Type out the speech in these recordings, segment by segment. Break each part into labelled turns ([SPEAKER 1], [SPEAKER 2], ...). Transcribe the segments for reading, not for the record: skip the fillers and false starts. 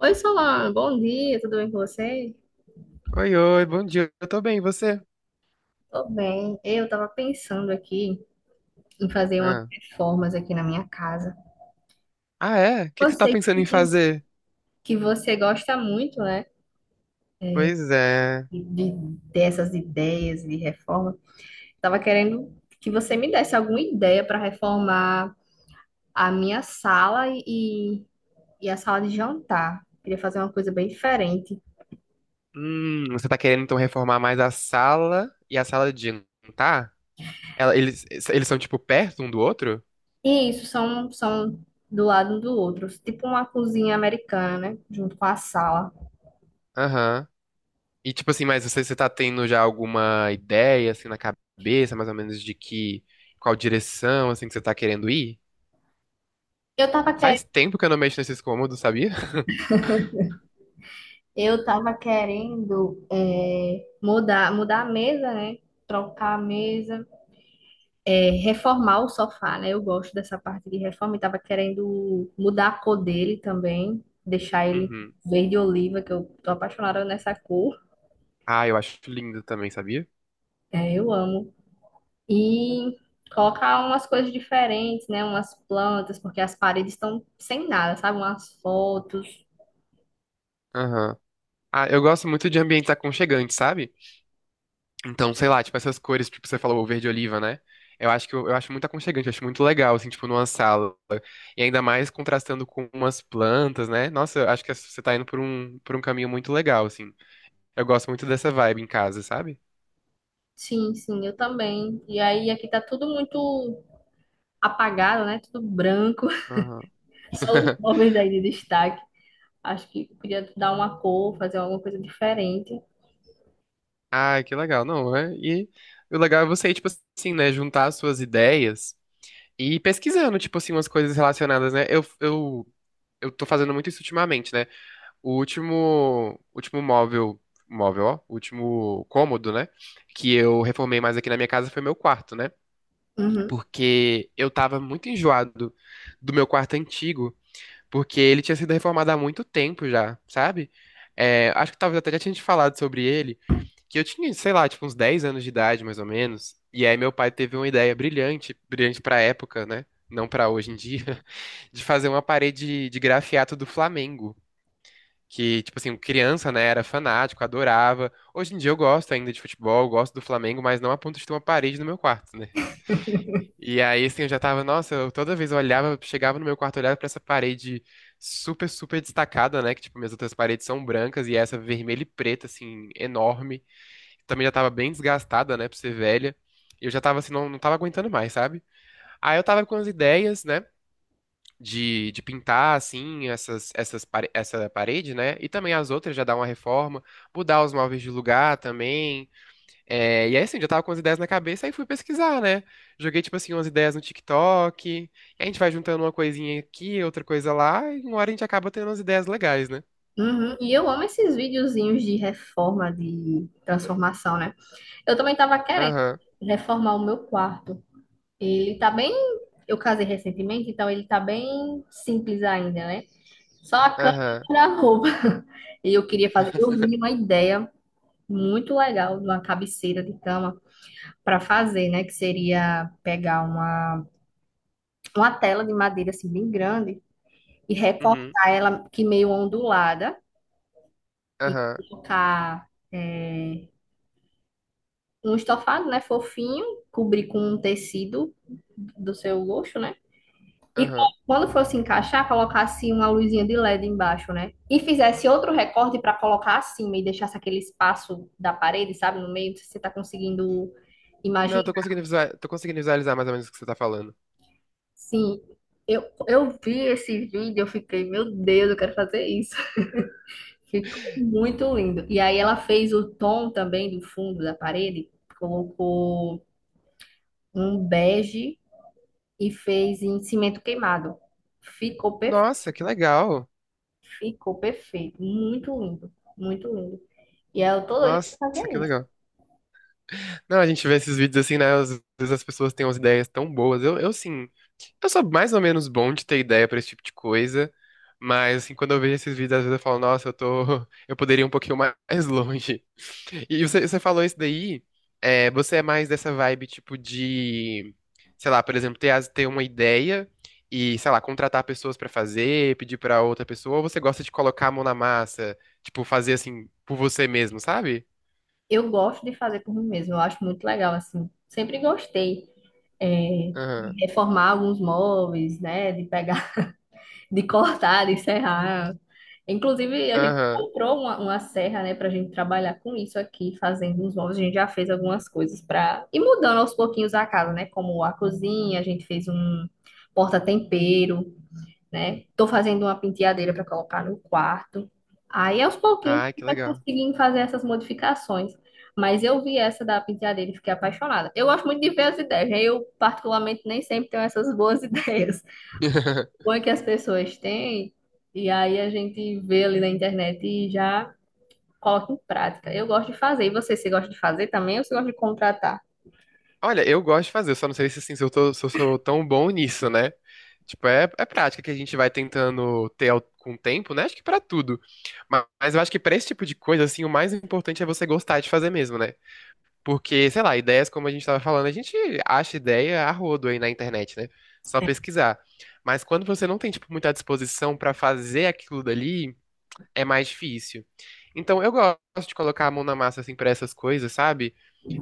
[SPEAKER 1] Oi, Solano, bom dia, tudo bem com você?
[SPEAKER 2] Oi, bom dia. Eu tô bem, e você?
[SPEAKER 1] Tô bem. Eu tava pensando aqui em fazer umas
[SPEAKER 2] Ah,
[SPEAKER 1] reformas aqui na minha casa.
[SPEAKER 2] ah é? O que
[SPEAKER 1] Eu
[SPEAKER 2] que você tá
[SPEAKER 1] sei
[SPEAKER 2] pensando em
[SPEAKER 1] que,
[SPEAKER 2] fazer?
[SPEAKER 1] que você gosta muito, né,
[SPEAKER 2] Pois é.
[SPEAKER 1] de, dessas ideias de reforma. Tava querendo que você me desse alguma ideia para reformar a minha sala e a sala de jantar. Queria fazer uma coisa bem diferente.
[SPEAKER 2] Você tá querendo então reformar mais a sala e a sala de jantar? Ela- eles, eles são tipo perto um do outro?
[SPEAKER 1] E isso são do lado um do outro, tipo uma cozinha americana, né, junto com a sala.
[SPEAKER 2] Aham. E tipo assim, mas você tá tendo já alguma ideia assim na cabeça, mais ou menos de que qual direção assim que você tá querendo ir?
[SPEAKER 1] Eu tava querendo
[SPEAKER 2] Faz tempo que eu não mexo nesses cômodos, sabia?
[SPEAKER 1] Eu tava querendo mudar a mesa, né? Trocar a mesa, reformar o sofá, né? Eu gosto dessa parte de reforma e tava querendo mudar a cor dele também, deixar ele
[SPEAKER 2] Uhum.
[SPEAKER 1] verde oliva, que eu tô apaixonada nessa cor.
[SPEAKER 2] Ah, eu acho lindo também, sabia?
[SPEAKER 1] É, eu amo. E colocar umas coisas diferentes, né? Umas plantas, porque as paredes estão sem nada, sabe? Umas fotos.
[SPEAKER 2] Aham. Ah, eu gosto muito de ambientes aconchegantes, sabe? Então, sei lá, tipo essas cores, tipo você falou, o verde oliva, né? Eu acho que eu acho muito aconchegante, eu acho muito legal, assim, tipo, numa sala. E ainda mais contrastando com umas plantas, né? Nossa, eu acho que você tá indo por por um caminho muito legal, assim. Eu gosto muito dessa vibe em casa, sabe?
[SPEAKER 1] Sim, sim, eu também. E aí aqui tá tudo muito apagado, né? Tudo branco.
[SPEAKER 2] Aham.
[SPEAKER 1] Só os móveis aí de destaque. Acho que podia dar uma cor, fazer alguma coisa diferente.
[SPEAKER 2] Ah, que legal. Não, é. E o legal é você, tipo assim, né, juntar as suas ideias e ir pesquisando, tipo assim, umas coisas relacionadas, né? Eu tô fazendo muito isso ultimamente, né? O último ó, o último cômodo, né, que eu reformei mais aqui na minha casa foi meu quarto, né?
[SPEAKER 1] Uhum.
[SPEAKER 2] Porque eu tava muito enjoado do meu quarto antigo, porque ele tinha sido reformado há muito tempo já, sabe? É, acho que talvez até já tinha te falado sobre ele. Que eu tinha, sei lá, tipo uns 10 anos de idade, mais ou menos. E aí meu pai teve uma ideia brilhante pra época, né? Não pra hoje em dia, de fazer uma parede de grafiato do Flamengo. Que, tipo assim, criança, né, era fanático, adorava. Hoje em dia eu gosto ainda de futebol, gosto do Flamengo, mas não a ponto de ter uma parede no meu quarto, né? E aí, assim, eu já tava, nossa, eu toda vez eu olhava, chegava no meu quarto, olhava pra essa parede super destacada, né? Que, tipo, minhas outras paredes são brancas e essa vermelha e preta, assim, enorme também já tava bem desgastada, né, por ser velha. E eu já tava assim, não tava aguentando mais, sabe? Aí eu tava com as ideias, né, de pintar, assim, essa parede, né? E também as outras, já dar uma reforma, mudar os móveis de lugar também. É, e aí, assim, já tava com as ideias na cabeça, aí fui pesquisar, né? Joguei, tipo assim, umas ideias no TikTok. E a gente vai juntando uma coisinha aqui, outra coisa lá, e uma hora a gente acaba tendo umas ideias legais, né?
[SPEAKER 1] Uhum. E eu amo esses videozinhos de reforma, de transformação, né? Eu também tava querendo
[SPEAKER 2] Aham,
[SPEAKER 1] reformar o meu quarto. Ele tá bem. Eu casei recentemente, então ele tá bem simples ainda, né? Só a cama
[SPEAKER 2] aham.
[SPEAKER 1] e a roupa. E eu queria fazer. Eu vi uma ideia muito legal de uma cabeceira de cama para fazer, né? Que seria pegar uma tela de madeira assim bem grande e
[SPEAKER 2] Uhum,
[SPEAKER 1] recortar ela que meio ondulada e
[SPEAKER 2] aham,
[SPEAKER 1] colocar um estofado, né, fofinho, cobrir com um tecido do seu gosto, né? E
[SPEAKER 2] aham.
[SPEAKER 1] quando fosse encaixar, colocasse uma luzinha de LED embaixo, né? E fizesse outro recorte para colocar acima e deixasse aquele espaço da parede, sabe, no meio, se você tá conseguindo
[SPEAKER 2] Não, eu
[SPEAKER 1] imaginar?
[SPEAKER 2] tô conseguindo visualizar mais ou menos o que você tá falando.
[SPEAKER 1] Sim. Eu vi esse vídeo, eu fiquei, meu Deus, eu quero fazer isso. Ficou muito lindo. E aí ela fez o tom também do fundo da parede, colocou um bege e fez em cimento queimado. Ficou perfeito,
[SPEAKER 2] Nossa, que legal.
[SPEAKER 1] ficou perfeito, muito lindo, muito lindo. E aí eu tô doida pra
[SPEAKER 2] Nossa,
[SPEAKER 1] fazer
[SPEAKER 2] que
[SPEAKER 1] isso.
[SPEAKER 2] legal. Não, a gente vê esses vídeos assim, né? Às vezes as pessoas têm umas ideias tão boas. Eu sim. Eu sou mais ou menos bom de ter ideia pra esse tipo de coisa, mas assim, quando eu vejo esses vídeos, às vezes eu falo, nossa, eu tô, eu poderia ir um pouquinho mais longe. E você falou isso daí, é, você é mais dessa vibe tipo de, sei lá, por exemplo, ter uma ideia e, sei lá, contratar pessoas pra fazer, pedir pra outra pessoa, ou você gosta de colocar a mão na massa, tipo, fazer assim por você mesmo, sabe?
[SPEAKER 1] Eu gosto de fazer por mim mesma, eu acho muito legal assim. Sempre gostei
[SPEAKER 2] Aham.
[SPEAKER 1] de reformar alguns móveis, né, de pegar de cortar, de serrar. Inclusive, a gente
[SPEAKER 2] Aham.
[SPEAKER 1] comprou uma serra, né, pra gente trabalhar com isso aqui, fazendo uns móveis. A gente já fez algumas coisas pra ir mudando aos pouquinhos a casa, né, como a cozinha, a gente fez um porta-tempero, né. Tô fazendo uma penteadeira pra colocar no quarto. Aí, aos pouquinhos, a
[SPEAKER 2] Ai,
[SPEAKER 1] gente
[SPEAKER 2] que
[SPEAKER 1] vai
[SPEAKER 2] legal.
[SPEAKER 1] conseguindo fazer essas modificações. Mas eu vi essa da penteadeira e fiquei apaixonada. Eu gosto muito de ver as ideias, né? Eu, particularmente, nem sempre tenho essas boas ideias bom é que as pessoas têm, e aí a gente vê ali na internet e já coloca em prática. Eu gosto de fazer. E você, você gosta de fazer também ou você gosta de contratar?
[SPEAKER 2] Olha, eu gosto de fazer, só não sei se, assim, se eu tô- se eu sou tão bom nisso, né? Tipo, é prática que a gente vai tentando com o tempo, né? Acho que pra tudo. Mas eu acho que pra esse tipo de coisa, assim, o mais importante é você gostar de fazer mesmo, né? Porque, sei lá, ideias, como a gente tava falando, a gente acha ideia a rodo aí na internet, né? Só pesquisar. Mas quando você não tem, tipo, muita disposição pra fazer aquilo dali, é mais difícil. Então, eu gosto de colocar a mão na massa, assim, pra essas coisas, sabe?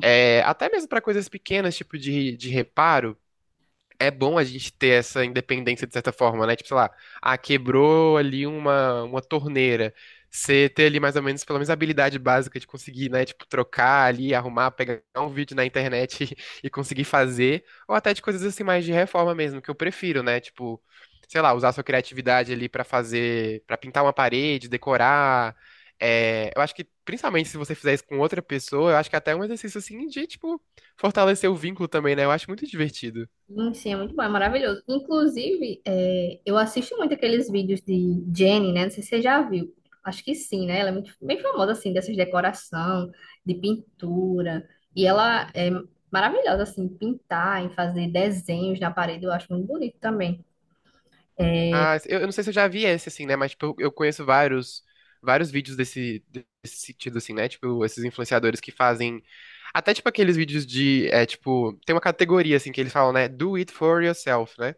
[SPEAKER 2] É, até mesmo para coisas pequenas, tipo de reparo é bom a gente ter essa independência de certa forma, né? Tipo, sei lá, ah, quebrou ali uma torneira. Você ter ali mais ou menos, pelo menos, a habilidade básica de conseguir, né? Tipo, trocar ali, arrumar, pegar um vídeo na internet e conseguir fazer. Ou até de coisas assim, mais de reforma mesmo, que eu prefiro, né? Tipo, sei lá, usar sua criatividade ali pra fazer, pra pintar uma parede, decorar. É, eu acho que, principalmente se você fizer isso com outra pessoa, eu acho que até é até um exercício assim de, tipo, fortalecer o vínculo também, né? Eu acho muito divertido.
[SPEAKER 1] Sim, é muito bom, é maravilhoso. Inclusive, eu assisto muito aqueles vídeos de Jenny, né? Não sei se você já viu. Acho que sim, né? Ela é muito bem famosa, assim, dessas decoração, de pintura. E ela é maravilhosa, assim, em pintar, em fazer desenhos na parede. Eu acho muito bonito também.
[SPEAKER 2] Ah, eu não sei se eu já vi esse, assim, né? Mas, tipo, eu conheço vários vídeos desse sentido, assim, né? Tipo, esses influenciadores que fazem. Até, tipo, aqueles vídeos de. É, tipo, tem uma categoria, assim, que eles falam, né? Do it for yourself, né?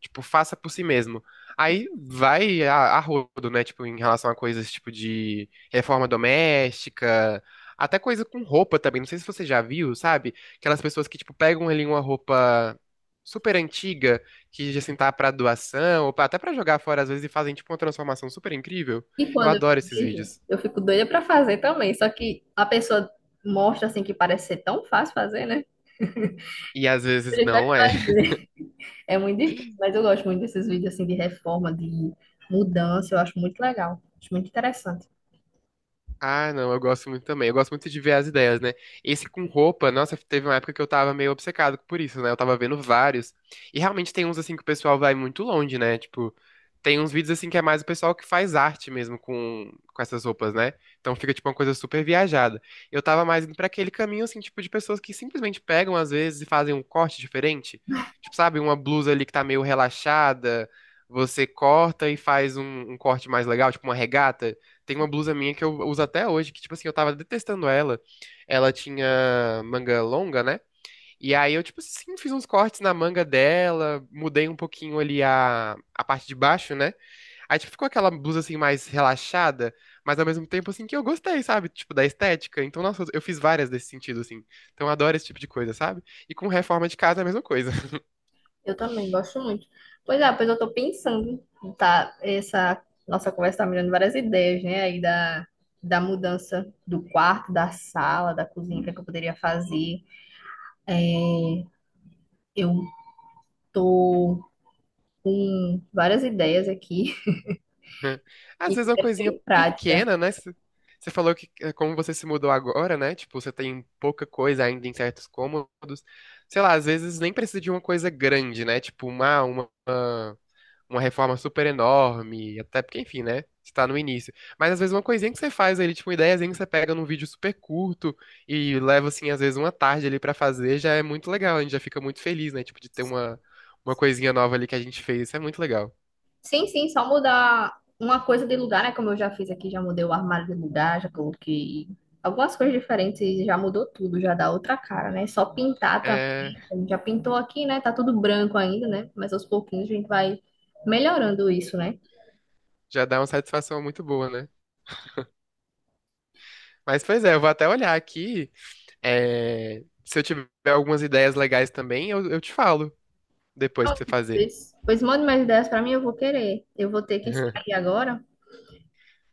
[SPEAKER 2] Tipo, faça por si mesmo. Aí vai a rodo, né? Tipo, em relação a coisas tipo de reforma doméstica, até coisa com roupa também. Não sei se você já viu, sabe? Aquelas pessoas que, tipo, pegam ali uma roupa super antiga, que assim tá pra até pra jogar fora às vezes e fazem, tipo, uma transformação super incrível.
[SPEAKER 1] E
[SPEAKER 2] Eu
[SPEAKER 1] quando eu
[SPEAKER 2] adoro esses
[SPEAKER 1] vejo,
[SPEAKER 2] vídeos.
[SPEAKER 1] eu fico doida pra fazer também. Só que a pessoa mostra assim que parece ser tão fácil fazer, né?
[SPEAKER 2] E às
[SPEAKER 1] A
[SPEAKER 2] vezes
[SPEAKER 1] gente vai
[SPEAKER 2] não é.
[SPEAKER 1] fazer. É muito difícil, mas eu gosto muito desses vídeos assim de reforma, de mudança, eu acho muito legal, acho muito interessante.
[SPEAKER 2] Ah, não, eu gosto muito também. Eu gosto muito de ver as ideias, né? Esse com roupa, nossa, teve uma época que eu tava meio obcecado por isso, né? Eu tava vendo vários. E realmente tem uns assim que o pessoal vai muito longe, né? Tipo, tem uns vídeos assim que é mais o pessoal que faz arte mesmo com essas roupas, né? Então fica tipo uma coisa super viajada. Eu tava mais indo pra aquele caminho assim, tipo, de pessoas que simplesmente pegam às vezes e fazem um corte diferente. Tipo, sabe, uma blusa ali que tá meio relaxada, você corta e faz um corte mais legal, tipo uma regata. Tem
[SPEAKER 1] Sim,
[SPEAKER 2] uma blusa minha que eu uso até hoje, que, tipo assim, eu tava detestando ela. Ela tinha manga longa, né? E aí eu, tipo assim, fiz uns cortes na manga dela, mudei um pouquinho ali a parte de baixo, né? Aí, tipo, ficou aquela blusa, assim, mais relaxada, mas ao mesmo tempo, assim, que eu gostei, sabe? Tipo, da estética. Então, nossa, eu fiz várias desse sentido, assim. Então, eu adoro esse tipo de coisa, sabe? E com reforma de casa é a mesma coisa.
[SPEAKER 1] eu também gosto muito. Pois é, pois eu tô pensando, tá? Essa nossa conversa tá me dando várias ideias, né? Aí da mudança do quarto, da sala, da cozinha, o que é que eu poderia fazer. Eu tô com várias ideias aqui. E
[SPEAKER 2] Às vezes é uma
[SPEAKER 1] é
[SPEAKER 2] coisinha
[SPEAKER 1] bem prática.
[SPEAKER 2] pequena, né? Você falou que como você se mudou agora, né? Tipo, você tem pouca coisa ainda em certos cômodos. Sei lá, às vezes nem precisa de uma coisa grande, né? Tipo, uma reforma super enorme. Até porque, enfim, né? Você tá no início. Mas às vezes uma coisinha que você faz ali, tipo, uma ideiazinha que você pega num vídeo super curto e leva, assim, às vezes uma tarde ali pra fazer, já é muito legal. A gente já fica muito feliz, né? Tipo, de ter uma coisinha nova ali que a gente fez. Isso é muito legal.
[SPEAKER 1] Sim, sim, só mudar uma coisa de lugar, né? Como eu já fiz aqui, já mudei o armário de lugar, já coloquei algumas coisas diferentes e já mudou tudo, já dá outra cara, né? Só pintar
[SPEAKER 2] É,
[SPEAKER 1] também. A gente já pintou aqui, né? Tá tudo branco ainda, né? Mas aos pouquinhos a gente vai melhorando isso, né?
[SPEAKER 2] já dá uma satisfação muito boa, né? Mas, pois é, eu vou até olhar aqui. É, se eu tiver algumas ideias legais também, eu te falo depois pra
[SPEAKER 1] Pronto,
[SPEAKER 2] você fazer.
[SPEAKER 1] Pois mande mais ideias pra mim, eu vou querer. Eu vou ter que sair agora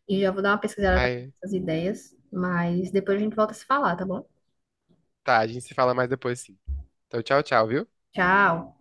[SPEAKER 1] e já vou dar uma pesquisada
[SPEAKER 2] Aí,
[SPEAKER 1] nessas ideias, mas depois a gente volta a se falar, tá bom?
[SPEAKER 2] tá, a gente se fala mais depois, sim. Então, tchau, tchau, viu?
[SPEAKER 1] Tchau.